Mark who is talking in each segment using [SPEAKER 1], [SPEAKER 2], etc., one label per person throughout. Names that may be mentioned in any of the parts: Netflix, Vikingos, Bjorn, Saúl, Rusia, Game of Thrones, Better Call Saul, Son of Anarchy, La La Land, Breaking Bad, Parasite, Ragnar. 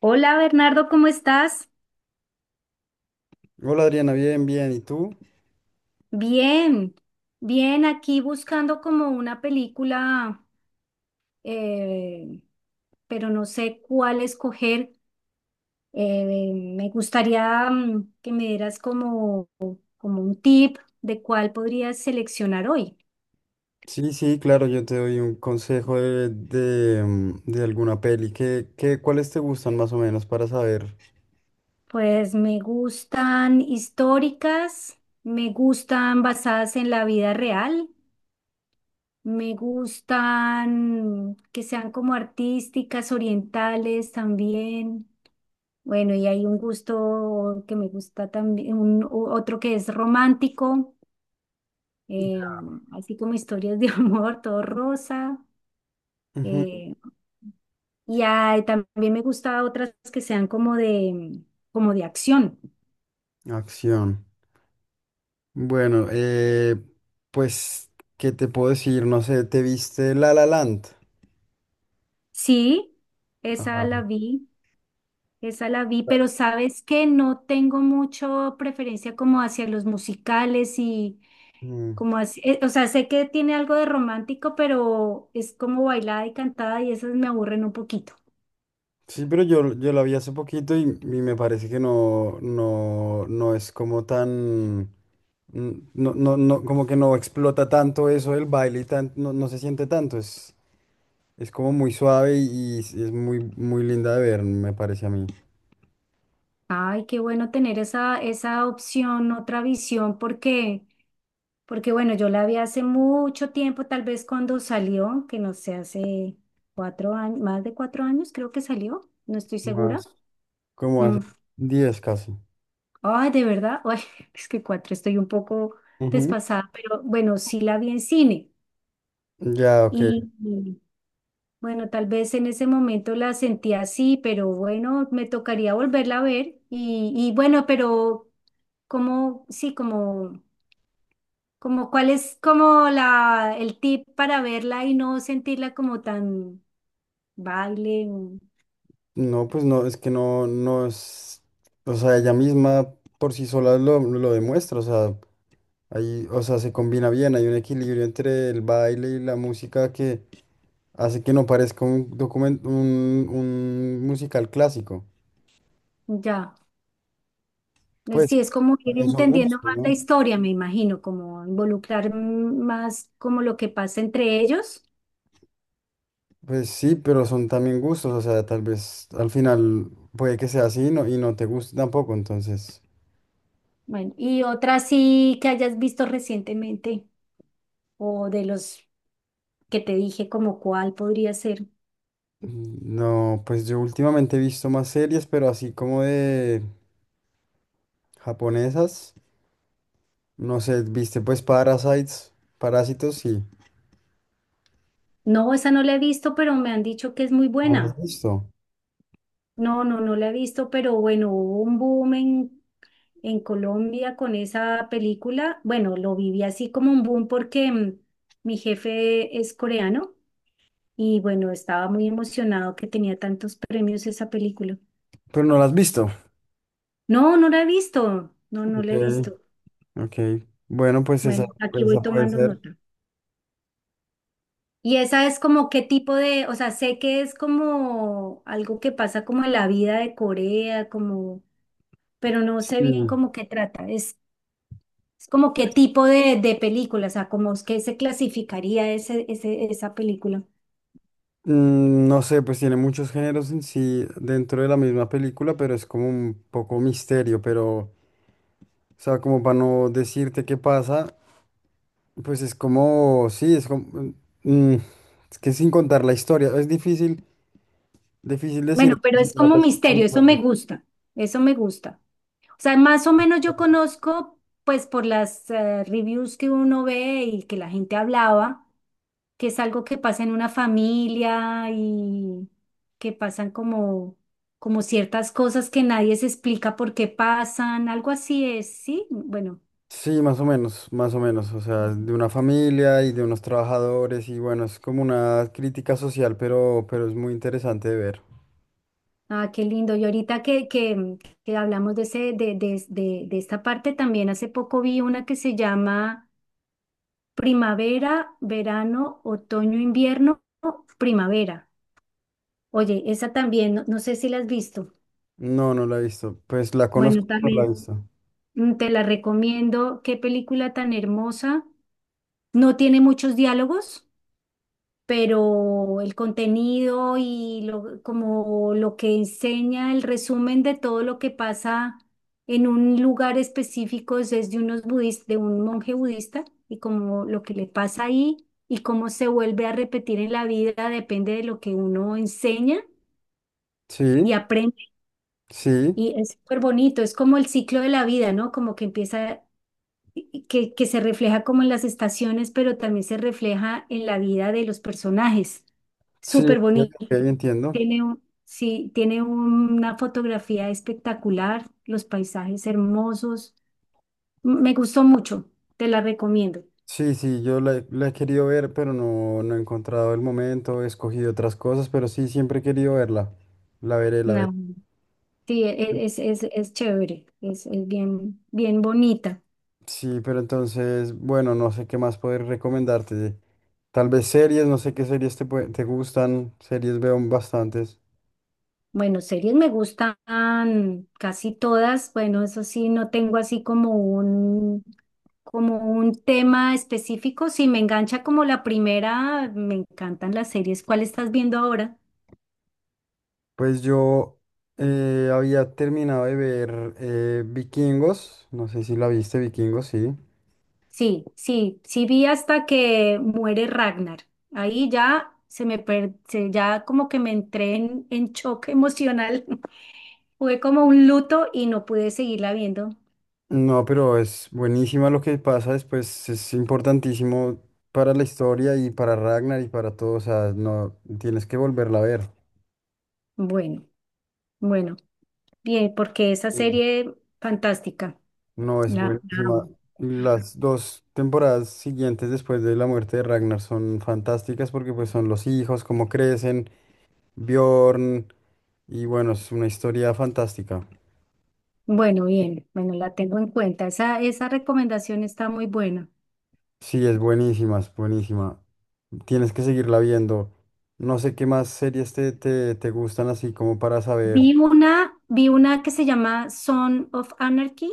[SPEAKER 1] Hola Bernardo, ¿cómo estás?
[SPEAKER 2] Hola Adriana, bien, bien. ¿Y tú?
[SPEAKER 1] Bien, bien, aquí buscando como una película, eh, pero no sé cuál escoger. Me gustaría que me dieras como, como un tip de cuál podrías seleccionar hoy.
[SPEAKER 2] Sí, sí, claro, yo te doy un consejo de de alguna peli. ¿ cuáles te gustan más o menos para saber?
[SPEAKER 1] Pues me gustan históricas, me gustan basadas en la vida real, me gustan que sean como artísticas, orientales también. Bueno, y hay un gusto que me gusta también, un, otro que es romántico, eh, así como historias de amor, todo rosa.
[SPEAKER 2] Ujú.
[SPEAKER 1] eh, y también me gusta otras que sean como de acción.
[SPEAKER 2] Acción. Bueno, pues, ¿qué te puedo decir? No sé, ¿te viste La La Land?
[SPEAKER 1] Sí, esa
[SPEAKER 2] Ah,
[SPEAKER 1] la vi, esa la vi, pero sabes que no tengo mucho preferencia como hacia los musicales y,
[SPEAKER 2] mm.
[SPEAKER 1] como así, o sea, sé que tiene algo de romántico, pero es como bailada y cantada y esas me aburren un poquito.
[SPEAKER 2] Sí, pero yo la vi hace poquito y me parece que no es como tan, no, como que no explota tanto eso, el baile y tan, no, no se siente tanto. Es como muy suave y es muy, muy linda de ver, me parece a mí.
[SPEAKER 1] Ay, qué bueno tener esa, esa opción, otra visión, porque, porque bueno, yo la vi hace mucho tiempo, tal vez cuando salió, que no sé, hace 4 años, más de 4 años creo que salió, no estoy segura.
[SPEAKER 2] Más. Como
[SPEAKER 1] Mm.
[SPEAKER 2] hace 10 casi.
[SPEAKER 1] Ay, de verdad, ay, es que cuatro estoy un poco
[SPEAKER 2] Ujú.
[SPEAKER 1] desfasada, pero bueno, sí la vi en cine.
[SPEAKER 2] Ya, ok.
[SPEAKER 1] Y, bueno, tal vez en ese momento la sentí así, pero bueno, me tocaría volverla a ver. Y bueno, pero como, sí, como, como cuál es como la, el tip para verla y no sentirla como tan baile,
[SPEAKER 2] No, pues no, es que no, no es, o sea, ella misma por sí sola lo demuestra. O sea, ahí, o sea, se combina bien, hay un equilibrio entre el baile y la música que hace que no parezca un documento, un musical clásico.
[SPEAKER 1] ya.
[SPEAKER 2] Pues,
[SPEAKER 1] Sí, es como ir
[SPEAKER 2] también son gustos,
[SPEAKER 1] entendiendo más la
[SPEAKER 2] ¿no?
[SPEAKER 1] historia, me imagino, como involucrar más como lo que pasa entre ellos.
[SPEAKER 2] Pues sí, pero son también gustos, o sea, tal vez al final puede que sea así, no, y no te guste tampoco, entonces.
[SPEAKER 1] Bueno, y otra sí que hayas visto recientemente o de los que te dije, como cuál podría ser.
[SPEAKER 2] No, pues yo últimamente he visto más series, pero así como de japonesas. No sé, ¿viste pues Parasites, Parásitos? Sí.
[SPEAKER 1] No, esa no la he visto, pero me han dicho que es muy
[SPEAKER 2] ¿No las has
[SPEAKER 1] buena.
[SPEAKER 2] visto?
[SPEAKER 1] No, no, no la he visto, pero bueno, hubo un boom en Colombia con esa película. Bueno, lo viví así como un boom porque mi jefe es coreano y bueno, estaba muy emocionado que tenía tantos premios esa película.
[SPEAKER 2] Pero ¿no las has visto?
[SPEAKER 1] No, no la he visto. No, no
[SPEAKER 2] Ok,
[SPEAKER 1] la he visto.
[SPEAKER 2] ok. Bueno,
[SPEAKER 1] Bueno, aquí
[SPEAKER 2] pues esa
[SPEAKER 1] voy
[SPEAKER 2] puede
[SPEAKER 1] tomando
[SPEAKER 2] ser.
[SPEAKER 1] nota. Y esa es como qué tipo de, o sea, sé que es como algo que pasa como en la vida de Corea, como... Pero no
[SPEAKER 2] Sí.
[SPEAKER 1] sé bien cómo que trata. Es como qué tipo de película, o sea, como es que se clasificaría ese, esa película.
[SPEAKER 2] No sé, pues tiene muchos géneros en sí dentro de la misma película, pero es como un poco misterio. Pero o sea, como para no decirte qué pasa, pues es como, sí, es como, mm, es que sin contar la historia, es difícil, difícil
[SPEAKER 1] Bueno,
[SPEAKER 2] decir.
[SPEAKER 1] pero
[SPEAKER 2] Se
[SPEAKER 1] es como
[SPEAKER 2] trata sin
[SPEAKER 1] misterio, eso me
[SPEAKER 2] contarla.
[SPEAKER 1] gusta, eso me gusta. O sea, más o menos yo conozco, pues por las reviews que uno ve y que la gente hablaba, que es algo que pasa en una familia y que pasan como, como ciertas cosas que nadie se explica por qué pasan, algo así es, ¿sí? Bueno.
[SPEAKER 2] Sí, más o menos, o sea, de una familia y de unos trabajadores, y bueno, es como una crítica social, pero es muy interesante de ver.
[SPEAKER 1] Ah, qué lindo. Y ahorita que hablamos de, ese, de esta parte, también hace poco vi una que se llama Primavera, Verano, Otoño, Invierno, Primavera. Oye, esa también, no, no sé si la has visto.
[SPEAKER 2] No, no la he visto, pues la conozco,
[SPEAKER 1] Bueno,
[SPEAKER 2] pero no la he
[SPEAKER 1] también
[SPEAKER 2] visto.
[SPEAKER 1] te la recomiendo. Qué película tan hermosa. No tiene muchos diálogos, pero el contenido y lo, como lo que enseña, el resumen de todo lo que pasa en un lugar específico es de unos de un monje budista y como lo que le pasa ahí y cómo se vuelve a repetir en la vida depende de lo que uno enseña y
[SPEAKER 2] Sí,
[SPEAKER 1] aprende.
[SPEAKER 2] sí,
[SPEAKER 1] Y es súper bonito, es como el ciclo de la vida, ¿no? Como que empieza que se refleja como en las estaciones, pero también se refleja en la vida de los personajes.
[SPEAKER 2] sí,
[SPEAKER 1] Súper
[SPEAKER 2] ok,
[SPEAKER 1] bonito.
[SPEAKER 2] ok, entiendo.
[SPEAKER 1] Tiene un, sí, tiene una fotografía espectacular, los paisajes hermosos. Me gustó mucho, te la recomiendo.
[SPEAKER 2] Sí, sí, he la he querido ver, pero no, no he encontrado el momento, he escogido otras cosas, pero sí, siempre he querido verla. La veré, la veré.
[SPEAKER 1] No, sí, es chévere, es bien, bien bonita.
[SPEAKER 2] Sí, pero entonces, bueno, no sé qué más poder recomendarte. Tal vez series, no sé qué series te gustan. Series veo bastantes.
[SPEAKER 1] Bueno, series me gustan casi todas. Bueno, eso sí, no tengo así como un tema específico. Si me engancha como la primera, me encantan las series. ¿Cuál estás viendo ahora?
[SPEAKER 2] Pues yo había terminado de ver Vikingos, no sé si la viste, Vikingos, sí.
[SPEAKER 1] Sí, sí, sí vi hasta que muere Ragnar. Ahí ya se me per- se- ya como que me entré en choque emocional. Fue como un luto y no pude seguirla viendo.
[SPEAKER 2] No, pero es buenísima lo que pasa después, es importantísimo para la historia y para Ragnar y para todos, o sea, no tienes que volverla a ver.
[SPEAKER 1] Bueno, bueno, bien, porque esa
[SPEAKER 2] Sí.
[SPEAKER 1] serie fantástica.
[SPEAKER 2] No, es
[SPEAKER 1] La
[SPEAKER 2] buenísima.
[SPEAKER 1] amo.
[SPEAKER 2] Y las dos temporadas siguientes después de la muerte de Ragnar son fantásticas porque pues son los hijos, cómo crecen, Bjorn, y bueno, es una historia fantástica.
[SPEAKER 1] Bueno, bien, bueno, la tengo en cuenta. Esa recomendación está muy buena.
[SPEAKER 2] Sí, es buenísima, es buenísima. Tienes que seguirla viendo. No sé qué más series te gustan así como para saber.
[SPEAKER 1] Vi una que se llama Son of Anarchy.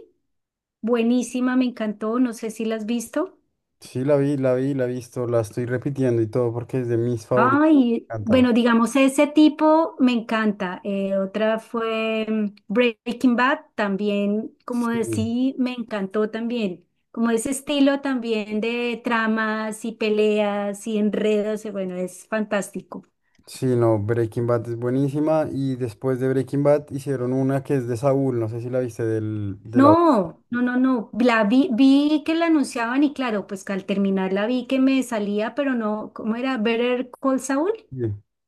[SPEAKER 1] Buenísima, me encantó. No sé si la has visto.
[SPEAKER 2] Sí, la vi, la vi, la he visto, la estoy repitiendo y todo porque es de mis favoritas.
[SPEAKER 1] Ay,
[SPEAKER 2] Me encanta.
[SPEAKER 1] bueno, digamos, ese tipo me encanta. Otra fue Breaking Bad, también,
[SPEAKER 2] Sí,
[SPEAKER 1] como decía, me encantó también. Como ese estilo también de tramas y peleas y enredos, bueno, es fantástico.
[SPEAKER 2] sí, no, Breaking Bad es buenísima y después de Breaking Bad hicieron una que es de Saúl, no sé si la viste,
[SPEAKER 1] No, no, no, no. Vi que la anunciaban y claro, pues que al terminar la vi que me salía, pero no, ¿cómo era? ¿Better Call Saul?
[SPEAKER 2] Sí.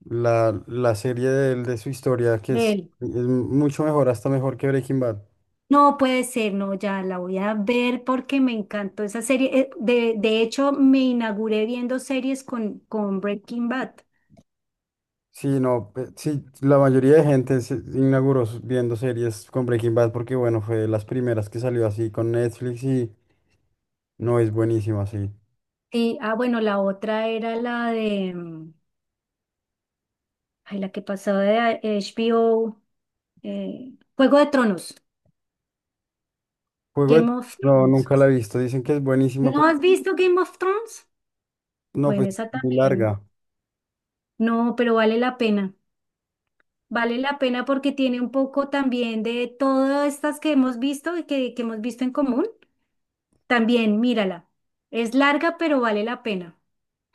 [SPEAKER 2] La serie de él, de su historia, que
[SPEAKER 1] De él.
[SPEAKER 2] es mucho mejor, hasta mejor que Breaking Bad.
[SPEAKER 1] No puede ser, no, ya la voy a ver porque me encantó esa serie. De hecho, me inauguré viendo series con Breaking Bad.
[SPEAKER 2] Sí, no, sí, la mayoría de gente se inauguró viendo series con Breaking Bad porque, bueno, fue de las primeras que salió así con Netflix y no, es buenísima, sí.
[SPEAKER 1] Y, ah, bueno, la otra era la de, ay, la que pasaba de HBO, Juego de Tronos,
[SPEAKER 2] Juego de...
[SPEAKER 1] Game of
[SPEAKER 2] No,
[SPEAKER 1] Thrones.
[SPEAKER 2] nunca la he visto. Dicen que es buenísima,
[SPEAKER 1] ¿No
[SPEAKER 2] pero
[SPEAKER 1] has visto Game of Thrones?
[SPEAKER 2] no,
[SPEAKER 1] Bueno,
[SPEAKER 2] pues es
[SPEAKER 1] esa
[SPEAKER 2] muy
[SPEAKER 1] también.
[SPEAKER 2] larga.
[SPEAKER 1] No, pero vale la pena. Vale la pena porque tiene un poco también de todas estas que hemos visto y que hemos visto en común. También, mírala. Es larga, pero vale la pena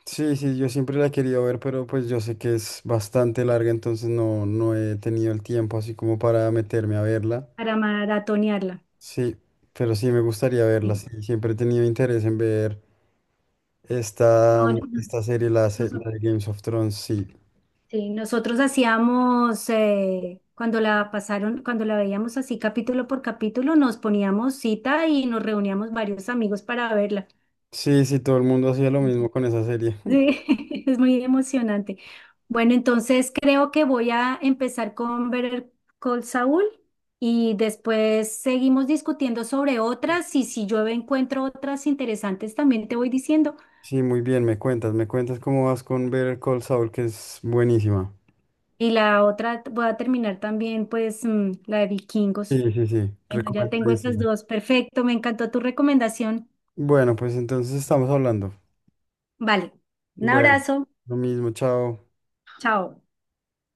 [SPEAKER 2] Sí, sí, yo siempre la he querido ver, pero pues yo sé que es bastante larga, entonces no, no he tenido el tiempo así como para meterme a verla.
[SPEAKER 1] para maratonearla.
[SPEAKER 2] Sí, pero sí me gustaría verla.
[SPEAKER 1] Sí.
[SPEAKER 2] Sí, siempre he tenido interés en ver esta,
[SPEAKER 1] No, no,
[SPEAKER 2] mm,
[SPEAKER 1] no,
[SPEAKER 2] esta serie,
[SPEAKER 1] noso-
[SPEAKER 2] la de Games of Thrones. Sí,
[SPEAKER 1] sí, nosotros hacíamos, cuando la pasaron, cuando la veíamos así capítulo por capítulo, nos poníamos cita y nos reuníamos varios amigos para verla.
[SPEAKER 2] sí, sí, todo el mundo hacía lo mismo con esa serie.
[SPEAKER 1] Sí, es muy emocionante. Bueno, entonces creo que voy a empezar con Better Call Saul y después seguimos discutiendo sobre otras y si yo encuentro otras interesantes también te voy diciendo.
[SPEAKER 2] Sí, muy bien, me cuentas cómo vas con ver Call Saul, que es buenísima.
[SPEAKER 1] Y la otra voy a terminar también pues la de Vikingos.
[SPEAKER 2] Sí, sí, sí,
[SPEAKER 1] Bueno, ya tengo esas
[SPEAKER 2] recomendadísima.
[SPEAKER 1] dos. Perfecto, me encantó tu recomendación.
[SPEAKER 2] Bueno, pues entonces estamos hablando.
[SPEAKER 1] Vale, un
[SPEAKER 2] Bueno,
[SPEAKER 1] abrazo.
[SPEAKER 2] lo mismo, chao.
[SPEAKER 1] Chao.